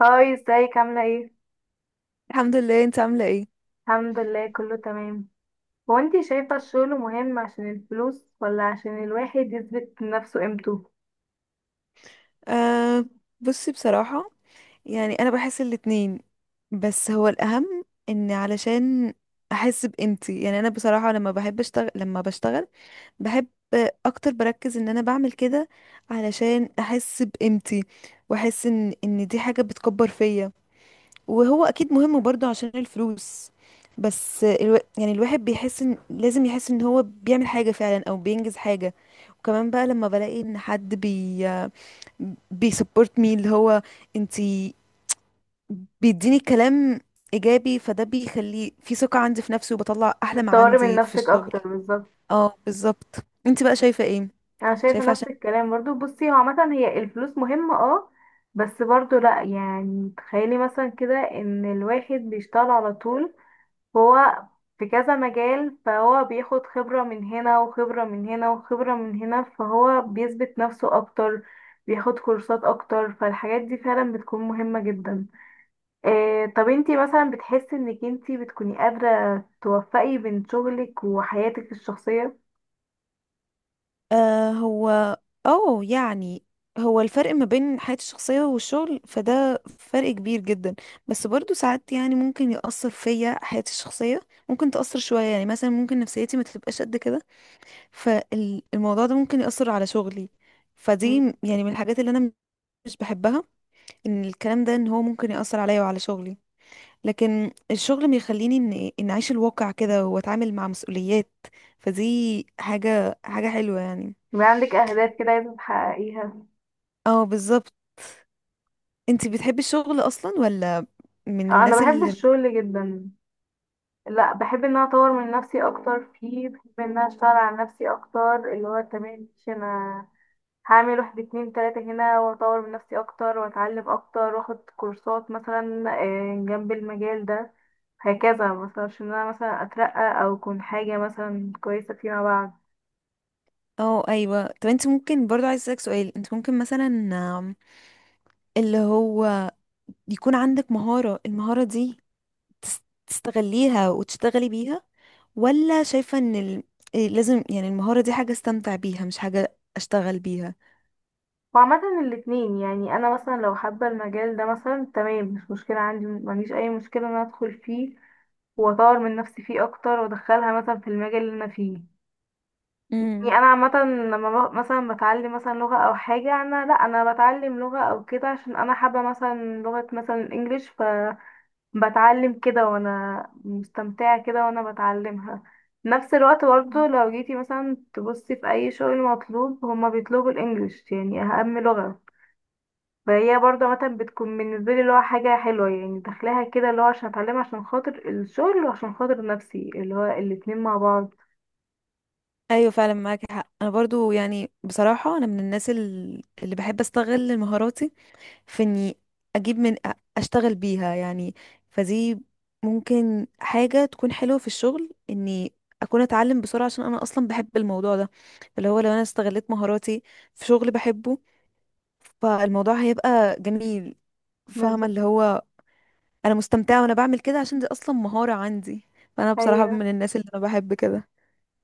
هاي، ازيك؟ عاملة ايه؟ الحمد لله، انت عاملة ايه؟ الحمد لله، كله تمام. هو انتي شايفة الشغل مهم عشان الفلوس ولا عشان الواحد يثبت لنفسه قيمته؟ آه. بصي، بصراحة يعني انا بحس الاتنين. بس هو الاهم ان علشان احس بقيمتي، يعني انا بصراحة لما بحب اشتغل لما بشتغل بحب اكتر، بركز ان انا بعمل كده علشان احس بقيمتي، واحس ان دي حاجة بتكبر فيا. وهو اكيد مهم برضو عشان الفلوس، بس يعني الواحد بيحس ان لازم يحس ان هو بيعمل حاجة فعلا او بينجز حاجة. وكمان بقى لما بلاقي ان حد بيسبورت مي، اللي هو انتي، بيديني كلام ايجابي، فده بيخلي في ثقة عندي في نفسي وبطلع احلى ما بتطوري من عندي في نفسك الشغل. اكتر، بالظبط. اه، بالظبط. انتي بقى شايفة ايه؟ انا شايفة شايفة نفس عشان الكلام برضو. بصي، هو عامة هي الفلوس مهمة، اه، بس برضو لا، يعني تخيلي مثلا كده ان الواحد بيشتغل على طول هو في كذا مجال، فهو بياخد خبرة من هنا وخبرة من هنا وخبرة من هنا، فهو بيثبت نفسه أكتر، بياخد كورسات أكتر. فالحاجات دي فعلا بتكون مهمة جدا. إيه، طب انتي مثلا بتحسي انك انتي بتكوني قادرة توفقي بين شغلك وحياتك الشخصية؟ آه هو اه يعني هو الفرق ما بين حياتي الشخصية والشغل، فده فرق كبير جدا، بس برضو ساعات يعني ممكن يأثر فيا حياتي الشخصية، ممكن تأثر شوية. يعني مثلا ممكن نفسيتي ما تبقاش قد كده، فالموضوع ده ممكن يأثر على شغلي. مم. فدي يعني من الحاجات اللي انا مش بحبها، ان الكلام ده، ان هو ممكن يأثر عليا وعلى شغلي، لكن الشغل بيخليني ان اعيش الواقع كده واتعامل مع مسؤوليات، فدي حاجة حاجة حلوة يعني. يبقى عندك أهداف كده عايزة تحققيها. اه بالظبط. انتي بتحبي الشغل اصلا، ولا من آه، أنا الناس بحب اللي... الشغل جدا. لا، بحب ان انا اطور من نفسي اكتر فيه، بحب ان انا اشتغل على نفسي اكتر، اللي هو تمام ماشي، انا هعمل واحد اتنين تلاتة هنا، واطور من نفسي اكتر، واتعلم اكتر، واخد كورسات مثلا جنب المجال ده هكذا مثلا، عشان انا مثلا اترقى او اكون حاجة مثلا كويسة فيما بعد. اه، ايوه. طب انت ممكن برضو، عايز اسالك سؤال، انت ممكن مثلا آم، اللي هو يكون عندك مهارة، المهارة دي تستغليها وتشتغلي بيها، ولا شايفة ان إيه، لازم يعني المهارة دي حاجة استمتع بيها، مش حاجة اشتغل بيها؟ وعامة الاتنين، يعني انا مثلا لو حابة المجال ده مثلا، تمام، مش مشكلة عندي، مفيش اي مشكلة ان انا ادخل فيه واطور من نفسي فيه اكتر، وادخلها مثلا في المجال اللي انا فيه. امم. يعني انا عامه لما مثلا بتعلم مثلا لغه او حاجه، انا لا، انا بتعلم لغه او كده عشان انا حابه مثلا لغه، مثلا الانجليش، فبتعلم كده وانا مستمتعه كده وانا بتعلمها. نفس الوقت برضه لو جيتي مثلا تبصي في اي شغل مطلوب، هما بيطلبوا الانجليش، يعني اهم لغه، فهي برضه مثلا بتكون بالنسبه لي اللي هو حاجه حلوه، يعني داخلاها كده اللي هو عشان اتعلمها عشان خاطر الشغل وعشان خاطر نفسي، اللي هو الاتنين مع بعض. ايوه فعلا، معاك حق. انا برضو يعني بصراحة انا من الناس اللي بحب استغل مهاراتي في اني اجيب اشتغل بيها يعني. فدي ممكن حاجة تكون حلوة في الشغل، اني اكون اتعلم بسرعة عشان انا اصلا بحب الموضوع ده، اللي هو لو انا استغلت مهاراتي في شغل بحبه، فالموضوع هيبقى جميل. فاهمة بالظبط. اللي هو، انا مستمتعه وانا بعمل كده عشان دي اصلا مهاره عندي. فانا بصراحه من الناس اللي انا بحب كده.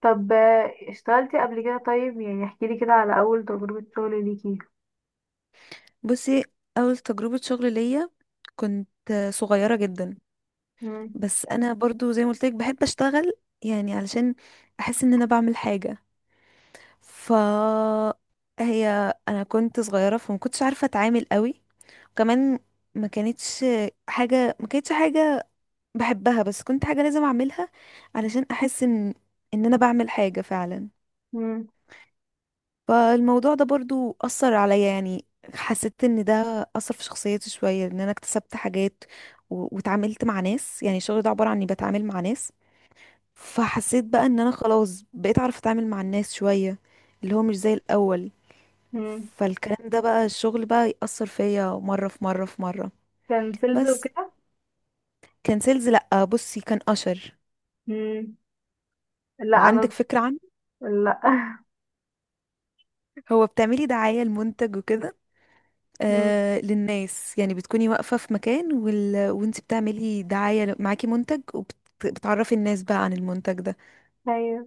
طب اشتغلتي قبل كده؟ طيب يعني احكي لي كده على اول تجربة شغل ليكي. بصي، اول تجربه شغل ليا كنت صغيره جدا، مم. بس انا برضو زي ما قلت لك بحب اشتغل، يعني علشان احس ان انا بعمل حاجه. ف هي انا كنت صغيره، فما كنتش عارفه اتعامل قوي، وكمان ما كانتش ما كانتش حاجه بحبها، بس كنت حاجه لازم اعملها علشان احس ان ان انا بعمل حاجه فعلا. مم. فالموضوع ده برضو أثر عليا، يعني حسيت ان ده أثر في شخصيتي شوية، ان انا اكتسبت حاجات واتعاملت مع ناس، يعني الشغل ده عبارة عن اني بتعامل مع ناس، فحسيت بقى ان انا خلاص بقيت اعرف اتعامل مع الناس شوية، اللي هو مش زي الأول. مم. فالكلام ده بقى الشغل بقى يأثر فيا مرة في مرة في مرة. كان سيلز بس وكده. كان سيلز، لأ، بصي كان أشر. مم. لا، انا. عندك فكرة عنه؟ لا. هو بتعملي دعاية لمنتج وكده، مم. آه، للناس. يعني بتكوني واقفة في مكان وانت بتعملي دعاية معاكي منتج، وبتعرفي الناس بقى عن المنتج ده. ايوه.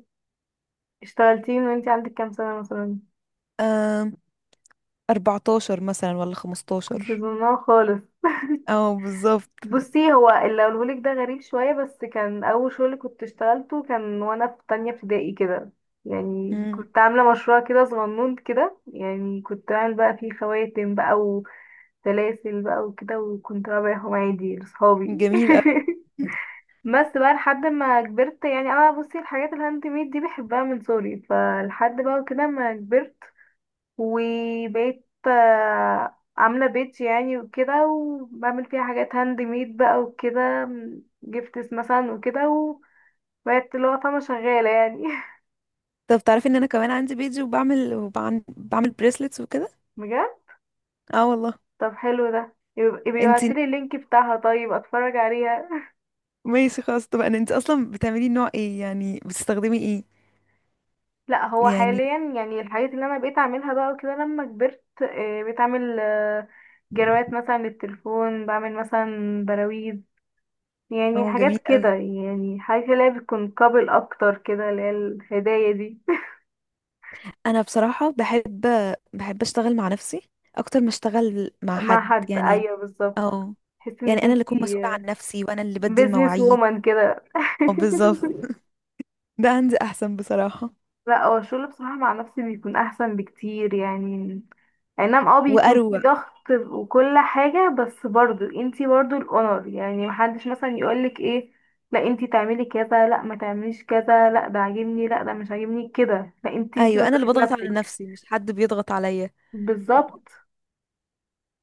اشتغلتي من وانتي عندك كام سنة مثلا؟ آه، 14 مثلا ولا كنت 15. ظنها خالص. اه بالظبط. بصي، هو اللي اقولهولك ده غريب شوية، بس كان اول شغل كنت اشتغلته كان وانا في تانية ابتدائي كده. يعني مم. كنت عاملة مشروع كده صغنون كده، يعني كنت عامل بقى فيه خواتم بقى، سلاسل بقى وكده، وكنت بقى ببيعهم عادي لصحابي. جميل أوي. بس بقى لحد ما كبرت. يعني انا بصي الحاجات الهاند ميد دي بحبها من صغري، فلحد بقى كده ما كبرت وبقيت عاملة بيت يعني وكده، وبعمل فيها حاجات هاند ميد بقى وكده، جفتس مثلا وكده، وبقيت اللي هو فاهمة شغالة يعني. طب تعرفي ان انا كمان عندي بيجي، وبعمل بعمل بريسلتس وكده. بجد. اه والله. طب حلو ده، يبقى انت يبعتيلي اللينك بتاعها، طيب اتفرج عليها. ماشي، خلاص. طب انت اصلا بتعملي نوع ايه؟ يعني بتستخدمي ايه؟ لا، هو يعني حاليا يعني الحاجات اللي انا بقيت اعملها بقى كده لما كبرت، بقيت اعمل جروات مثلا للتليفون، بعمل مثلا براويز، يعني اه حاجات جميل كده، قوي. يعني حاجات اللي هي بتكون قابل اكتر كده، اللي هي الهدايا دي. انا بصراحه بحب اشتغل مع نفسي اكتر ما اشتغل مع مع حد حد، يعني. ايوه، بالظبط. اه، تحسي يعني انك انا اللي انتي اكون مسؤوله عن نفسي، وانا اللي بدي بيزنس المواعيد. وومن كده. اه بالظبط. ده عندي احسن بصراحه لا، هو الشغل بصراحة مع نفسي بيكون أحسن بكتير يعني. أي نعم، اه، بيكون واروق. في ضغط وكل حاجة، بس برضو انتي برضو الأونر، يعني محدش مثلا يقولك ايه، لا انتي تعملي كذا، لا ما تعمليش كذا، لا ده عاجبني، لا ده مش عاجبني كده، لا، انتي انتي ايوه، انا اللي مسؤولة بضغط على نفسك. نفسي، مش حد بيضغط عليا. بالظبط.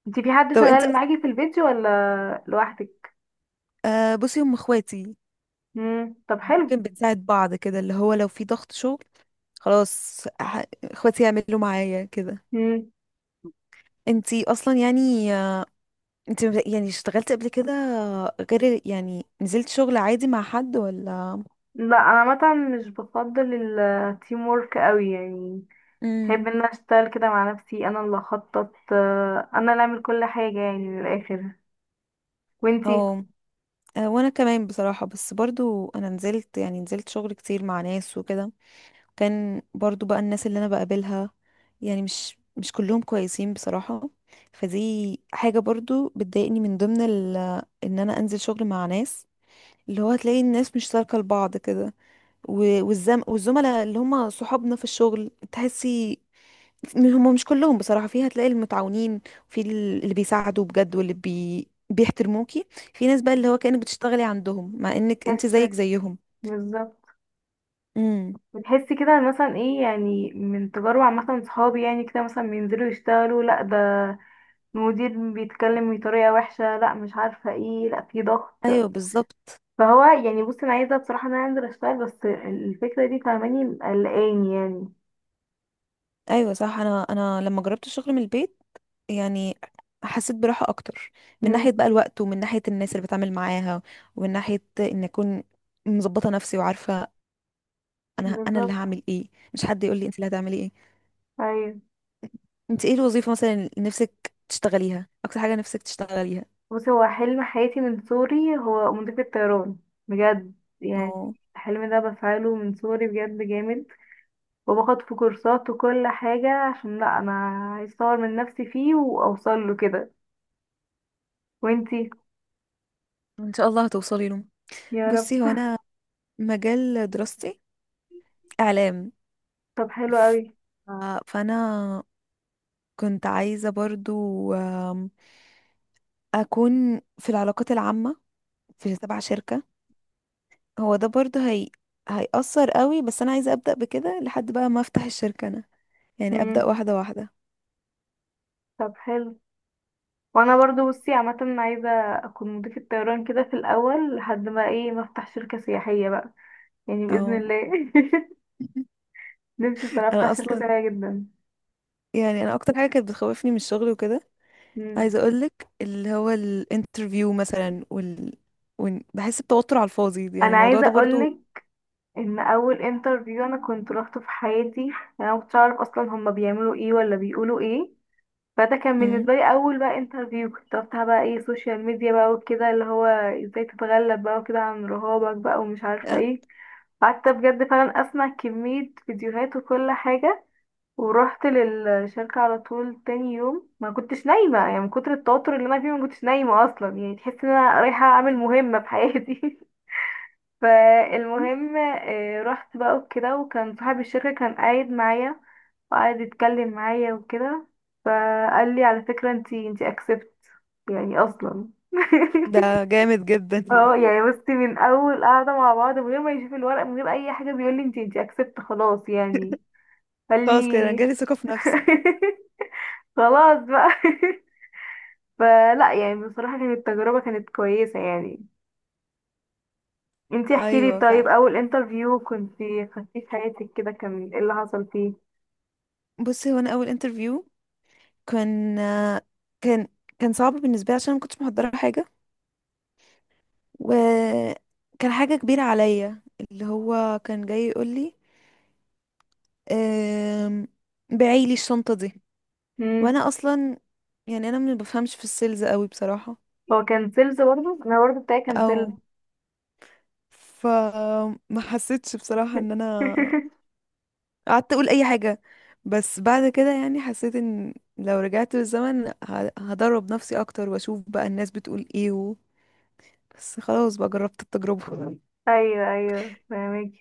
انتي في حد طب انت شغال معاكي في البيت ولا لوحدك؟ بصي، هم اخواتي، مم. طب حلو. ممكن بنساعد بعض كده، اللي هو لو في ضغط شغل خلاص اخواتي يعملوا معايا كده. مم. انتي اصلا يعني، انت يعني اشتغلت قبل كده؟ غير يعني نزلت شغل عادي مع حد ولا؟ لا، انا مثلا مش بفضل التيم وورك قوي يعني. احب امم ان أنا اشتغل كده مع نفسي، انا اللي اخطط انا اللي اعمل كل حاجة، يعني من الاخر. اه، وانتي؟ وانا كمان بصراحة. بس برضو انا نزلت شغل كتير مع ناس وكده، كان برضو بقى الناس اللي انا بقابلها يعني مش كلهم كويسين بصراحة. فدي حاجة برضو بتضايقني، من ضمن ان انا انزل شغل مع ناس، اللي هو هتلاقي الناس مش سالكة لبعض كده، والزملاء اللي هم صحابنا في الشغل، تحسي هم مش كلهم بصراحة فيها. هتلاقي المتعاونين، وفي اللي بيساعدوا بجد، واللي بيحترموكي، في ناس بقى اللي هو كأنك بتشتغلي عندهم مع انك انت بتحسي. زيك زيهم. بالظبط. امم. بتحسي كده مثلا ايه؟ يعني من تجارب عامة صحابي يعني كده، مثلا بينزلوا يشتغلوا، لا ده المدير بيتكلم بطريقة وحشة، لا مش عارفة ايه، لا في ضغط. ايوه بالظبط. فهو يعني، بصي انا عايزة بصراحة ان انا انزل اشتغل، بس الفكرة دي فاهماني قلقاني يعني. ايوه صح. انا لما جربت الشغل من البيت، يعني حسيت براحة اكتر، من ناحية مم. بقى الوقت، ومن ناحية الناس اللي بتعامل معاها، ومن ناحية ان اكون مظبطة نفسي وعارفة انا اللي بالظبط. هعمل ايه، مش حد يقول لي انت اللي هتعملي ايه. ايوه. انت ايه الوظيفة مثلا اللي نفسك تشتغليها، اكتر حاجة نفسك تشتغليها؟ بصي، هو حلم حياتي من صغري هو مضيف الطيران. بجد. يعني اه، الحلم ده بفعله من صغري، بجد جامد. وباخد في كورسات وكل حاجة، عشان لا انا عايز اطور من نفسي فيه واوصل له كده. وانتي؟ ان شاء الله هتوصلي له. يا رب. بصي هو انا مجال دراستي اعلام، طب حلو ف- قوي. فانا كنت عايزه برضو آم، اكون في العلاقات العامه، في تبع شركه. هو ده برضو هي هيأثر قوي، بس انا عايزه ابدا بكده لحد بقى ما افتح الشركه انا، يعني ابدا امم واحده واحده. طب حلو. وانا برضو، بصي عامة عايزة اكون مضيفة الطيران كده في الاول، لحد ما ايه، ما افتح شركة سياحية بقى، يعني او. بإذن الله. نفسي صراحة انا افتح شركة اصلا سياحية جدا. يعني انا اكتر حاجه كانت بتخوفني من الشغل وكده، مم. عايزه اقولك، اللي هو الانترفيو مثلا بحس بتوتر على الفاضي، يعني انا الموضوع عايزة ده برضو. اقولك ان اول انترفيو انا كنت روحته في حياتي، انا مكنتش اعرف اصلا هما بيعملوا ايه ولا بيقولوا ايه، فده كان مم. بالنسبه لي اول بقى انترفيو، كنت رحتها بقى ايه، سوشيال ميديا بقى وكده، اللي هو ازاي تتغلب بقى وكده عن رهابك بقى ومش عارفه آه. ايه. قعدت بجد فعلا اسمع كميه فيديوهات وكل حاجه، ورحت للشركه على طول تاني يوم. ما كنتش نايمه يعني من كتر التوتر اللي انا فيه، ما كنتش نايمه اصلا، يعني تحس ان انا رايحه اعمل مهمه في حياتي. فالمهم رحت بقى وكده، وكان صاحب الشركة كان قاعد معايا، وقعد يتكلم معايا وكده، فقال لي على فكرة، انتي اكسبت، يعني اصلا. ده جامد جدا. اه، يعني بصي، من اول قعدة مع بعض، من غير ما يشوف الورق، من غير اي حاجة، بيقول لي انتي اكسبت خلاص، يعني قال خلاص كده انا لي. جالي ثقة في نفسي. خلاص بقى. فلا، يعني بصراحة كانت التجربة كانت كويسة يعني. انتي احكي لي، ايوه طيب فعلا. اول انترفيو كنتي خدتيه في حياتك كده، كان ايه اللي حصل فيه؟ بصي هو انا اول انترفيو كان آه، كان كان صعب بالنسبة لي، عشان أنا ما كنتش محضرة حاجة، وكان حاجة كبيرة عليا، اللي هو كان جاي يقول لي أم... بعي لي الشنطة دي، مم. وانا اصلا يعني انا ما بفهمش في السيلز قوي بصراحة. هو كان سيلز برضه، انا برضه بتاعي كان او، سيلز. فما حسيتش بصراحة ان انا قعدت اقول اي حاجة، بس بعد كده يعني حسيت ان لو رجعت بالزمن، هدرب نفسي اكتر واشوف بقى الناس بتقول ايه بس خلاص بقى جربت التجربة. ايوه، ايوه، فاهمك.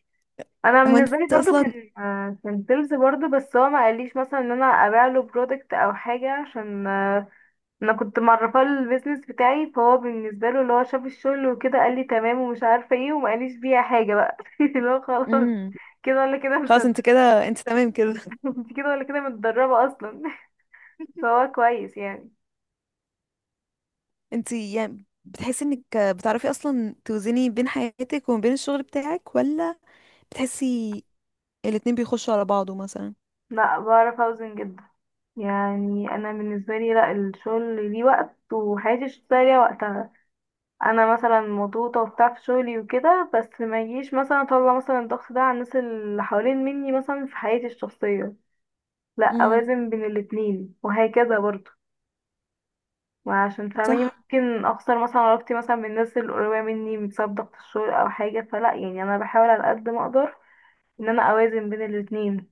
انا هو انت بالنسبه لي برضه اصلا. كان سيلز برضه، بس هو ما قاليش مثلا ان انا ابيع له برودكت او حاجه، عشان انا كنت معرفاه البيزنس بتاعي، فهو بالنسبه له اللي هو شاف الشغل وكده قال لي تمام ومش عارفه ايه، وما قاليش بيها حاجه بقى. اللي هو خلاص، امم كده ولا كده، خلاص، مصدق. انت كده، انت تمام كده. انت كده ولا كده متدربه اصلا. فهو كويس يعني. انت يعني بتحسي انك بتعرفي اصلا توزني بين حياتك وما بين الشغل بتاعك، ولا بتحسي الاتنين بيخشوا على بعضه مثلا؟ لا، بعرف اوزن جدا. يعني انا بالنسبه لي لا، الشغل ليه وقت وحياتي الشخصيه ليها وقتها. انا مثلا مضغوطه وبتاع في شغلي وكده، بس ما يجيش مثلا اطلع مثلا الضغط ده على الناس اللي حوالين مني مثلا في حياتي الشخصيه، لا، امم. اوازن بين الاتنين وهكذا برضه. وعشان فاهماني صح، ممكن اخسر مثلا علاقتي مثلا بالناس القريبه مني بسبب ضغط الشغل او حاجه، فلا، يعني انا بحاول على قد ما اقدر ان انا اوازن بين الاتنين.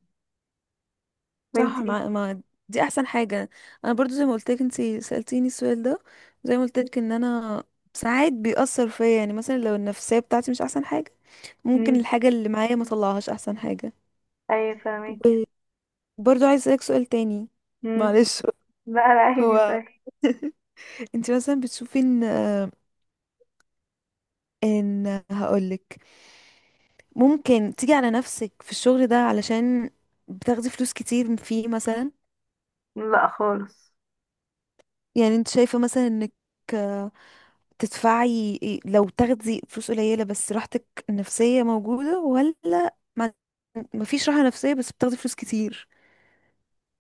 صح. وانتي؟ ما دي احسن حاجه. انا برضو زي ما قلت لك، انت سالتيني السؤال ده، زي ما قلت لك ان انا ساعات بيأثر فيا، يعني مثلا لو النفسيه بتاعتي مش احسن حاجه، ممكن امم الحاجه اللي معايا ما طلعهاش احسن حاجه. ايوه فاهمك. وبرضو عايز اسالك سؤال تاني، امم معلش. لا لا، عادي، هو صحيح. انت مثلا بتشوفي ان هقولك، ممكن تيجي على نفسك في الشغل ده علشان بتاخدي فلوس كتير فيه مثلا؟ لا خالص. يعني انت شايفة مثلا انك تدفعي لو تاخدي فلوس قليلة بس راحتك النفسية موجودة، ولا ما مفيش راحة نفسية بس بتاخدي فلوس كتير؟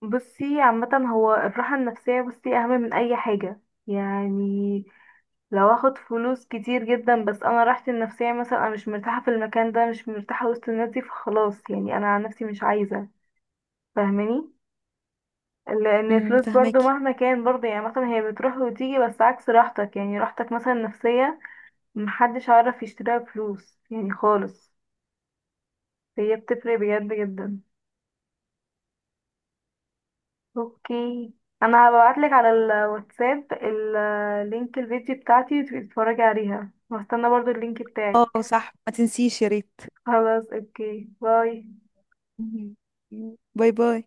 بصي عامة هو الراحة النفسية، بصي أهم من أي حاجة يعني. لو اخد فلوس كتير جدا بس أنا راحتي النفسية، مثلا أنا مش مرتاحة في المكان ده، مش مرتاحة وسط الناس دي، فخلاص يعني أنا عن نفسي مش عايزة. فاهماني، لأن امم، الفلوس برضو فهماكي. مهما كان برضو يعني مثلا هي بتروح وتيجي، بس عكس راحتك، يعني راحتك مثلا النفسية محدش عارف يشتريها بفلوس يعني خالص، هي بتفرق بجد جدا. اوكي، انا هبعتلك على الواتساب اللينك الفيديو بتاعتي، وتبقي تتفرجي عليها، وهستنى برضو اللينك بتاعك. اه صح، ما تنسيش يا ريت. خلاص، اوكي، باي. مهم. باي باي.